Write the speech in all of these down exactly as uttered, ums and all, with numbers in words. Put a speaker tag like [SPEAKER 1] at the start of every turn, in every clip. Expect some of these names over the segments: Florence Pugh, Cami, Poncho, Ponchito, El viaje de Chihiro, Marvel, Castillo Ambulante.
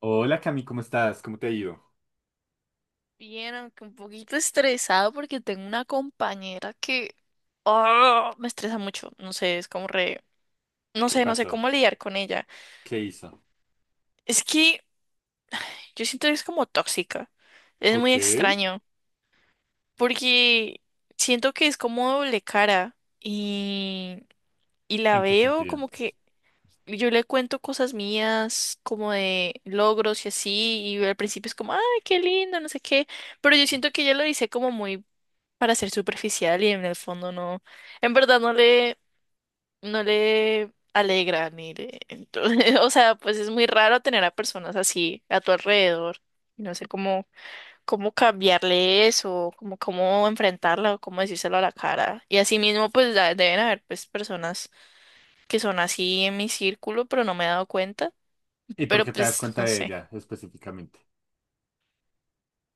[SPEAKER 1] Hola Cami, ¿cómo estás? ¿Cómo te ha ido?
[SPEAKER 2] Bien, aunque un poquito estresado porque tengo una compañera que ah, me estresa mucho. No sé, es como re... No
[SPEAKER 1] ¿Qué
[SPEAKER 2] sé, no sé
[SPEAKER 1] pasó?
[SPEAKER 2] cómo lidiar con ella.
[SPEAKER 1] ¿Qué hizo?
[SPEAKER 2] Es que yo siento que es como tóxica. Es muy
[SPEAKER 1] Ok.
[SPEAKER 2] extraño porque siento que es como doble cara y, y la
[SPEAKER 1] ¿En qué
[SPEAKER 2] veo
[SPEAKER 1] sentido?
[SPEAKER 2] como que yo le cuento cosas mías como de logros y así y al principio es como, ay, qué lindo, no sé qué. Pero yo siento que ella lo dice como muy para ser superficial y en el fondo no, en verdad no le, no le alegra ni le, entonces, o sea, pues es muy raro tener a personas así a tu alrededor. y No sé cómo, cómo cambiarle eso, cómo, cómo enfrentarla o cómo decírselo a la cara. Y así mismo, pues da- deben haber pues personas que son así en mi círculo, pero no me he dado cuenta.
[SPEAKER 1] ¿Y por
[SPEAKER 2] Pero
[SPEAKER 1] qué te das
[SPEAKER 2] pues
[SPEAKER 1] cuenta
[SPEAKER 2] no
[SPEAKER 1] de
[SPEAKER 2] sé.
[SPEAKER 1] ella específicamente?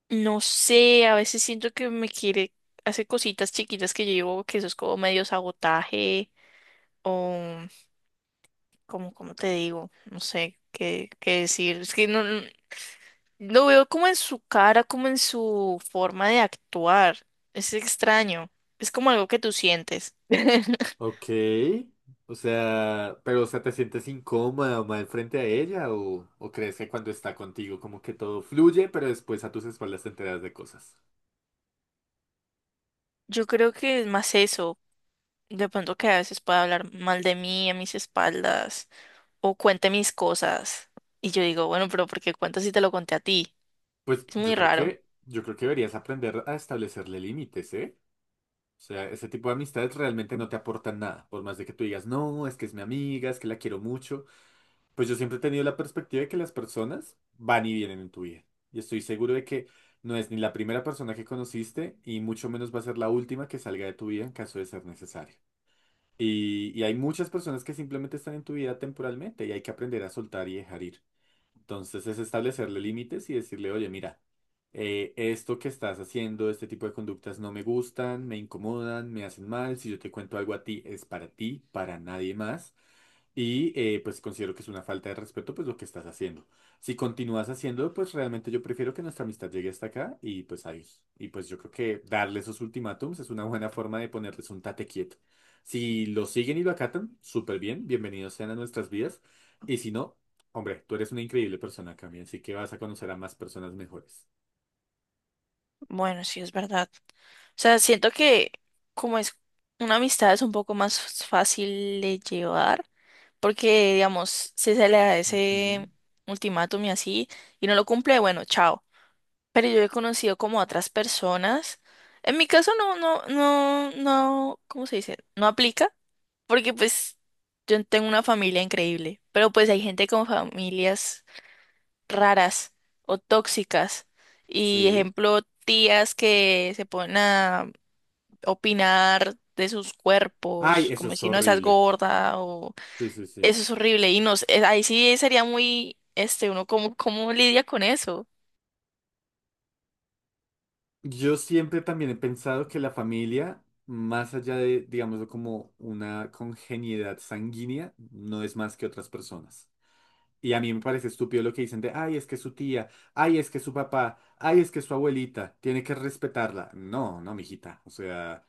[SPEAKER 2] No sé, a veces siento que me quiere, hace cositas chiquitas que yo digo que eso es como medio sabotaje. Como, como te digo, no sé qué, qué decir. Es que no, no- lo veo como en su cara, como en su forma de actuar. Es extraño. Es como algo que tú sientes.
[SPEAKER 1] Ok. O sea, pero o sea, ¿te sientes incómoda o mal frente a ella? ¿O, o crees que cuando está contigo como que todo fluye, pero después a tus espaldas te enteras de cosas?
[SPEAKER 2] Yo creo que es más eso. De pronto que a veces puede hablar mal de mí a mis espaldas o cuente mis cosas. Y yo digo, bueno, pero ¿por qué cuento si te lo conté a ti?
[SPEAKER 1] Pues
[SPEAKER 2] Es
[SPEAKER 1] yo
[SPEAKER 2] muy
[SPEAKER 1] creo
[SPEAKER 2] raro.
[SPEAKER 1] que, yo creo que deberías aprender a establecerle límites, ¿eh? O sea, ese tipo de amistades realmente no te aportan nada, por más de que tú digas, no, es que es mi amiga, es que la quiero mucho. Pues yo siempre he tenido la perspectiva de que las personas van y vienen en tu vida. Y estoy seguro de que no es ni la primera persona que conociste y mucho menos va a ser la última que salga de tu vida en caso de ser necesario. Y, y hay muchas personas que simplemente están en tu vida temporalmente y hay que aprender a soltar y dejar ir. Entonces es establecerle límites y decirle, oye, mira, eh, esto que estás haciendo, este tipo de conductas no me gustan, me incomodan, me hacen mal. Si yo te cuento algo a ti, es para ti, para nadie más. Y eh, pues considero que es una falta de respeto pues lo que estás haciendo. Si continúas haciendo, pues realmente yo prefiero que nuestra amistad llegue hasta acá y pues adiós. Y pues yo creo que darle esos ultimátums es una buena forma de ponerles un tate quieto. Si lo siguen y lo acatan, súper bien, bienvenidos sean a nuestras vidas. Y si no, hombre, tú eres una increíble persona, Cami, así que vas a conocer a más personas mejores.
[SPEAKER 2] Bueno, sí, es verdad. O sea, siento que como es una amistad es un poco más fácil de llevar, porque digamos, si se le da ese
[SPEAKER 1] Ujú.
[SPEAKER 2] ultimátum y así, y no lo cumple, bueno, chao. Pero yo he conocido como otras personas. En mi caso no, no, no, no, ¿cómo se dice? No aplica, porque pues yo tengo una familia increíble, pero pues hay gente con familias raras o tóxicas. Y
[SPEAKER 1] Sí.
[SPEAKER 2] ejemplo, tías que se ponen a opinar de sus
[SPEAKER 1] Ay,
[SPEAKER 2] cuerpos,
[SPEAKER 1] eso
[SPEAKER 2] como
[SPEAKER 1] es
[SPEAKER 2] si no estás
[SPEAKER 1] horrible.
[SPEAKER 2] gorda o
[SPEAKER 1] Sí, sí, sí.
[SPEAKER 2] eso es horrible y nos eh, ahí sí sería muy este uno cómo cómo lidia con eso.
[SPEAKER 1] Yo siempre también he pensado que la familia, más allá de, digámoslo, como una congeniedad sanguínea, no es más que otras personas. Y a mí me parece estúpido lo que dicen de, ay, es que su tía, ay, es que su papá, ay, es que su abuelita, tiene que respetarla. No, no, mijita. O sea,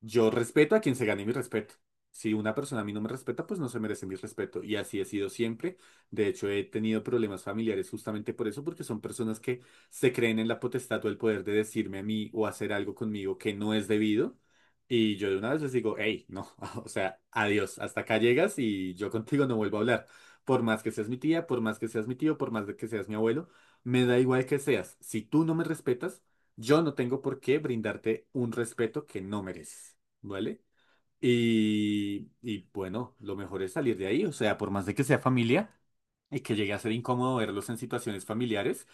[SPEAKER 1] yo respeto a quien se gane mi respeto. Si una persona a mí no me respeta, pues no se merece mi respeto. Y así he sido siempre. De hecho, he tenido problemas familiares justamente por eso, porque son personas que se creen en la potestad o el poder de decirme a mí o hacer algo conmigo que no es debido. Y yo de una vez les digo, hey, no, o sea, adiós, hasta acá llegas y yo contigo no vuelvo a hablar. Por más que seas mi tía, por más que seas mi tío, por más de que seas mi abuelo, me da igual que seas. Si tú no me respetas, yo no tengo por qué brindarte un respeto que no mereces, ¿vale? Y, y bueno, lo mejor es salir de ahí, o sea, por más de que sea familia y que llegue a ser incómodo verlos en situaciones familiares,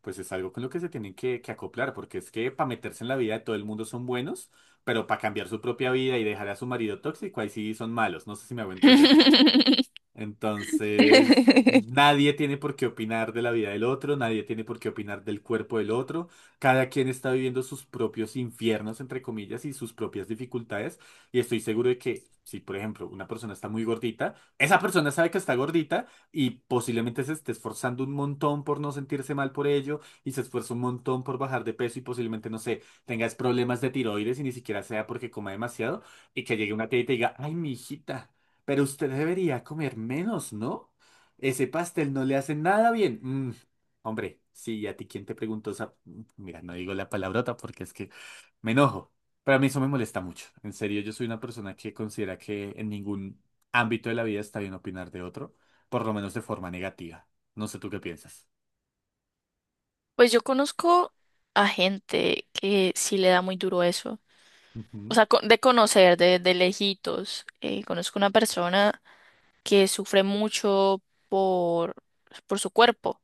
[SPEAKER 1] pues es algo con lo que se tienen que, que acoplar, porque es que para meterse en la vida de todo el mundo son buenos, pero para cambiar su propia vida y dejar a su marido tóxico, ahí sí son malos, no sé si me hago entender. Entonces, nadie tiene por qué opinar de la vida del otro, nadie tiene por qué opinar del cuerpo del otro. Cada quien está viviendo sus propios infiernos, entre comillas, y sus propias dificultades. Y estoy seguro de que si, por ejemplo, una persona está muy gordita, esa persona sabe que está gordita y posiblemente se esté esforzando un montón por no sentirse mal por ello y se esfuerza un montón por bajar de peso y posiblemente, no sé, tengas problemas de tiroides y ni siquiera sea porque coma demasiado y que llegue una tía y te diga, ay, mi hijita. Pero usted debería comer menos, ¿no? Ese pastel no le hace nada bien. Mm, hombre, sí, ¿a ti quién te preguntó? esa- Mm, mira, no digo la palabrota porque es que me enojo. Pero a mí eso me molesta mucho. En serio, yo soy una persona que considera que en ningún ámbito de la vida está bien opinar de otro, por lo menos de forma negativa. No sé tú qué piensas.
[SPEAKER 2] Pues yo conozco a gente que sí le da muy duro eso. O
[SPEAKER 1] Ujú.
[SPEAKER 2] sea, co- de conocer, de, de lejitos. Eh, conozco una persona que sufre mucho por, por su cuerpo.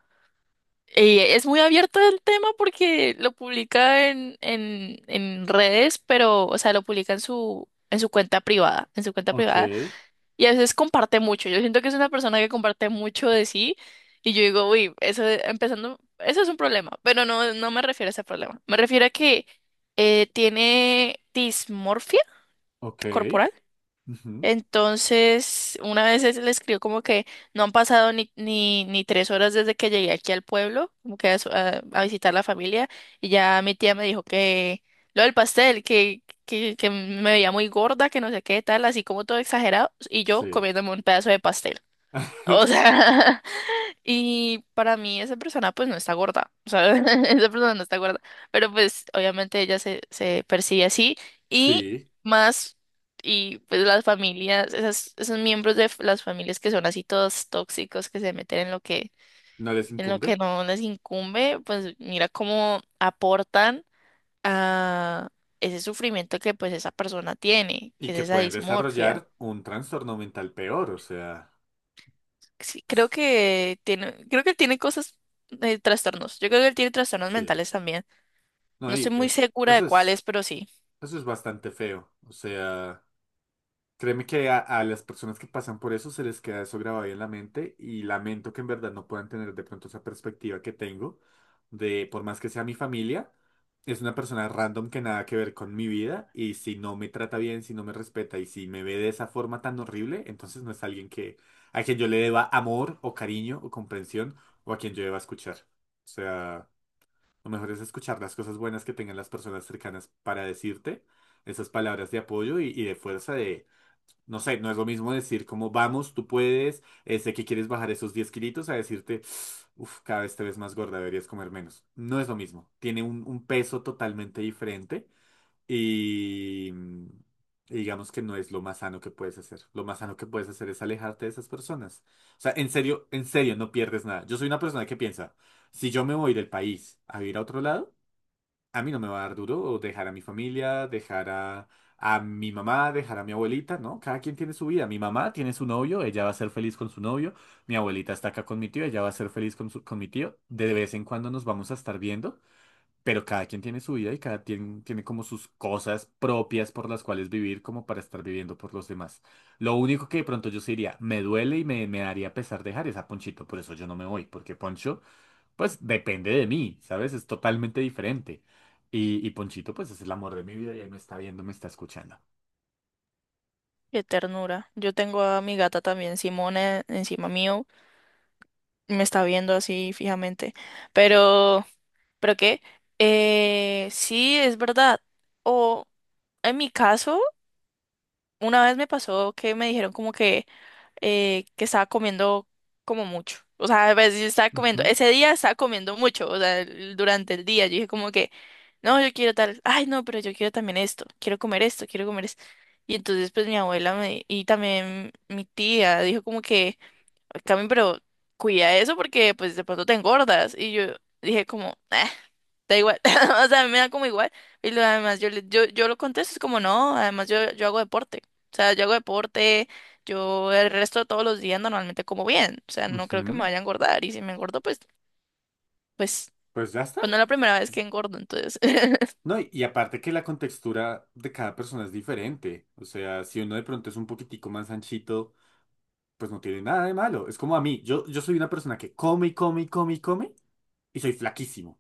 [SPEAKER 2] Y es muy abierto el tema porque lo publica en, en, en redes, pero, o sea, lo publica en su, en su cuenta privada, en su cuenta
[SPEAKER 1] Ok,
[SPEAKER 2] privada, y a veces comparte mucho. Yo siento que es una persona que comparte mucho de sí, y yo digo, uy, eso empezando, eso es un problema, pero no, no me refiero a ese problema. Me refiero a que eh, tiene dismorfia
[SPEAKER 1] ok.
[SPEAKER 2] corporal.
[SPEAKER 1] Ujú.
[SPEAKER 2] Entonces, una vez es- le escribió como que no han pasado ni, ni, ni tres horas desde que llegué aquí al pueblo, como que a, su- a- a visitar la familia, y ya mi tía me dijo que lo del pastel, que, que, que me veía muy gorda, que no sé qué tal, así como todo exagerado, y yo
[SPEAKER 1] Sí.
[SPEAKER 2] comiéndome un pedazo de pastel. O sea, y para mí esa persona pues no está gorda, o sea, esa persona no está gorda, pero pues obviamente ella se, se percibe así y
[SPEAKER 1] Sí.
[SPEAKER 2] más, y pues las familias, esas, esos miembros de f- las familias que son así todos tóxicos, que se meten en lo que,
[SPEAKER 1] ¿No les
[SPEAKER 2] en lo que
[SPEAKER 1] incumbe?
[SPEAKER 2] no les incumbe, pues mira cómo aportan a ese sufrimiento que pues esa persona tiene,
[SPEAKER 1] Y
[SPEAKER 2] que es
[SPEAKER 1] que
[SPEAKER 2] esa
[SPEAKER 1] pueden
[SPEAKER 2] dismorfia.
[SPEAKER 1] desarrollar un trastorno mental peor, o sea,
[SPEAKER 2] Sí, creo que tiene, creo que él tiene cosas, eh, trastornos. Yo creo que él tiene trastornos
[SPEAKER 1] sí.
[SPEAKER 2] mentales también.
[SPEAKER 1] No,
[SPEAKER 2] No estoy
[SPEAKER 1] y
[SPEAKER 2] muy
[SPEAKER 1] es-
[SPEAKER 2] segura de
[SPEAKER 1] Eso es,
[SPEAKER 2] cuáles, pero sí.
[SPEAKER 1] eso es bastante feo. O sea. Créeme que a, a las personas que pasan por eso se les queda eso grabado ahí en la mente y lamento que en verdad no puedan tener de pronto esa perspectiva que tengo de, por más que sea mi familia, es una persona random que nada que ver con mi vida y si no me trata bien, si no me respeta y si me ve de esa forma tan horrible, entonces no es alguien que, a quien yo le deba amor o cariño o comprensión o a quien yo deba escuchar. O sea... Lo mejor es escuchar las cosas buenas que tengan las personas cercanas para decirte esas palabras de apoyo y, y de fuerza de, no sé, no es lo mismo decir como vamos, tú puedes, eh, sé que quieres bajar esos diez kilitos a decirte, uff, cada vez te ves más gorda, deberías comer menos. No es lo mismo, tiene un, un peso totalmente diferente y mm, y digamos que no es lo más sano que puedes hacer. Lo más sano que puedes hacer es alejarte de esas personas. O sea, en serio, en serio, no pierdes nada. Yo soy una persona que piensa, si yo me voy del país a vivir a otro lado, a mí no me va a dar duro o dejar a mi familia, dejar a, a mi mamá, dejar a mi abuelita, ¿no? Cada quien tiene su vida. Mi mamá tiene su novio, ella va a ser feliz con su novio. Mi abuelita está acá con mi tío, ella va a ser feliz con, su- con mi tío. De vez en cuando nos vamos a estar viendo. Pero cada quien tiene su vida y cada quien tiene como sus cosas propias por las cuales vivir como para estar viviendo por los demás. Lo único que de pronto yo sí diría, me duele y me, me daría pesar dejar esa Ponchito, por eso yo no me voy, porque Poncho, pues depende de mí, ¿sabes? Es totalmente diferente. Y, y Ponchito, pues es el amor de mi vida y él me está viendo, me está escuchando.
[SPEAKER 2] Qué ternura. Yo tengo a mi gata también, Simone, encima mío. Me está viendo así fijamente. Pero, ¿pero qué? Eh, sí, es verdad. O en mi caso, una vez me pasó que me dijeron como que eh, que estaba comiendo como mucho. O sea, a veces yo estaba comiendo,
[SPEAKER 1] Ujú,
[SPEAKER 2] ese día estaba comiendo mucho, o sea, el- durante el día. Yo dije como que, no, yo quiero tal, ay, no, pero yo quiero también esto, quiero comer esto, quiero comer esto. Y entonces pues mi abuela me, y también mi tía dijo como que... Cami, pero cuida eso porque pues de pronto te engordas. Y yo dije como, "Ah, da igual, o sea, me da como igual. Y lo, además yo, le- yo, yo lo contesto, es como, no, además yo, yo hago deporte. O sea, yo hago deporte, yo el resto de todos los días normalmente como bien. O sea, no creo que me
[SPEAKER 1] ujú.
[SPEAKER 2] vaya a engordar. Y si me engordo, pues, pues,
[SPEAKER 1] Pues ya está.
[SPEAKER 2] pues no es la primera vez que engordo, entonces.
[SPEAKER 1] No, y, y aparte que la contextura de cada persona es diferente. O sea, si uno de pronto es un poquitico más anchito pues no tiene nada de malo. Es como a mí, yo, yo soy una persona que come y come y come y come y soy flaquísimo.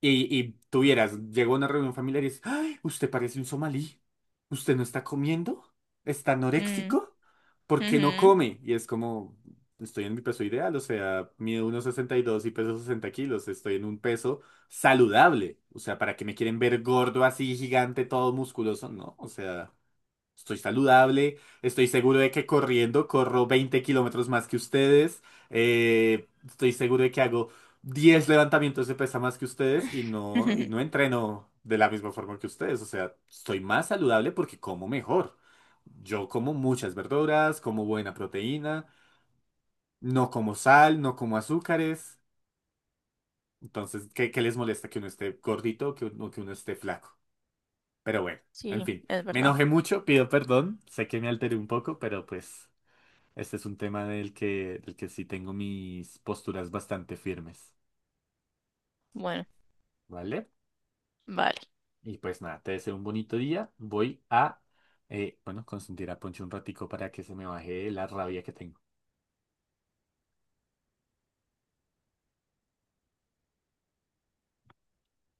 [SPEAKER 1] Y, y tú vieras, llego a una reunión familiar y es, ¡ay! Usted parece un somalí. ¿Usted no está comiendo? ¿Está
[SPEAKER 2] Mm,
[SPEAKER 1] anoréxico? ¿Por qué no
[SPEAKER 2] ujú.
[SPEAKER 1] come? Y es como, estoy en mi peso ideal, o sea, mido uno sesenta y dos y peso sesenta kilos, estoy en un peso saludable. O sea, ¿para qué me quieren ver gordo así, gigante, todo musculoso? No, o sea... Estoy saludable, estoy seguro de que corriendo corro veinte kilómetros más que ustedes, eh, estoy seguro de que hago diez levantamientos de pesa más que ustedes y no, y no entreno de la misma forma que ustedes, o sea, estoy más saludable porque como mejor. Yo como muchas verduras, como buena proteína, no como sal, no como azúcares, entonces, ¿qué, qué les molesta que uno esté gordito o que, uno- que uno esté flaco? Pero bueno, en
[SPEAKER 2] Sí,
[SPEAKER 1] fin,
[SPEAKER 2] es
[SPEAKER 1] me
[SPEAKER 2] verdad.
[SPEAKER 1] enojé mucho, pido perdón, sé que me alteré un poco, pero pues... Este es un tema del que, del que sí tengo mis posturas bastante firmes,
[SPEAKER 2] Bueno,
[SPEAKER 1] ¿vale?
[SPEAKER 2] vale.
[SPEAKER 1] Y pues nada, te deseo un bonito día. Voy a, eh, bueno, consentir a Poncho un ratico para que se me baje la rabia que tengo.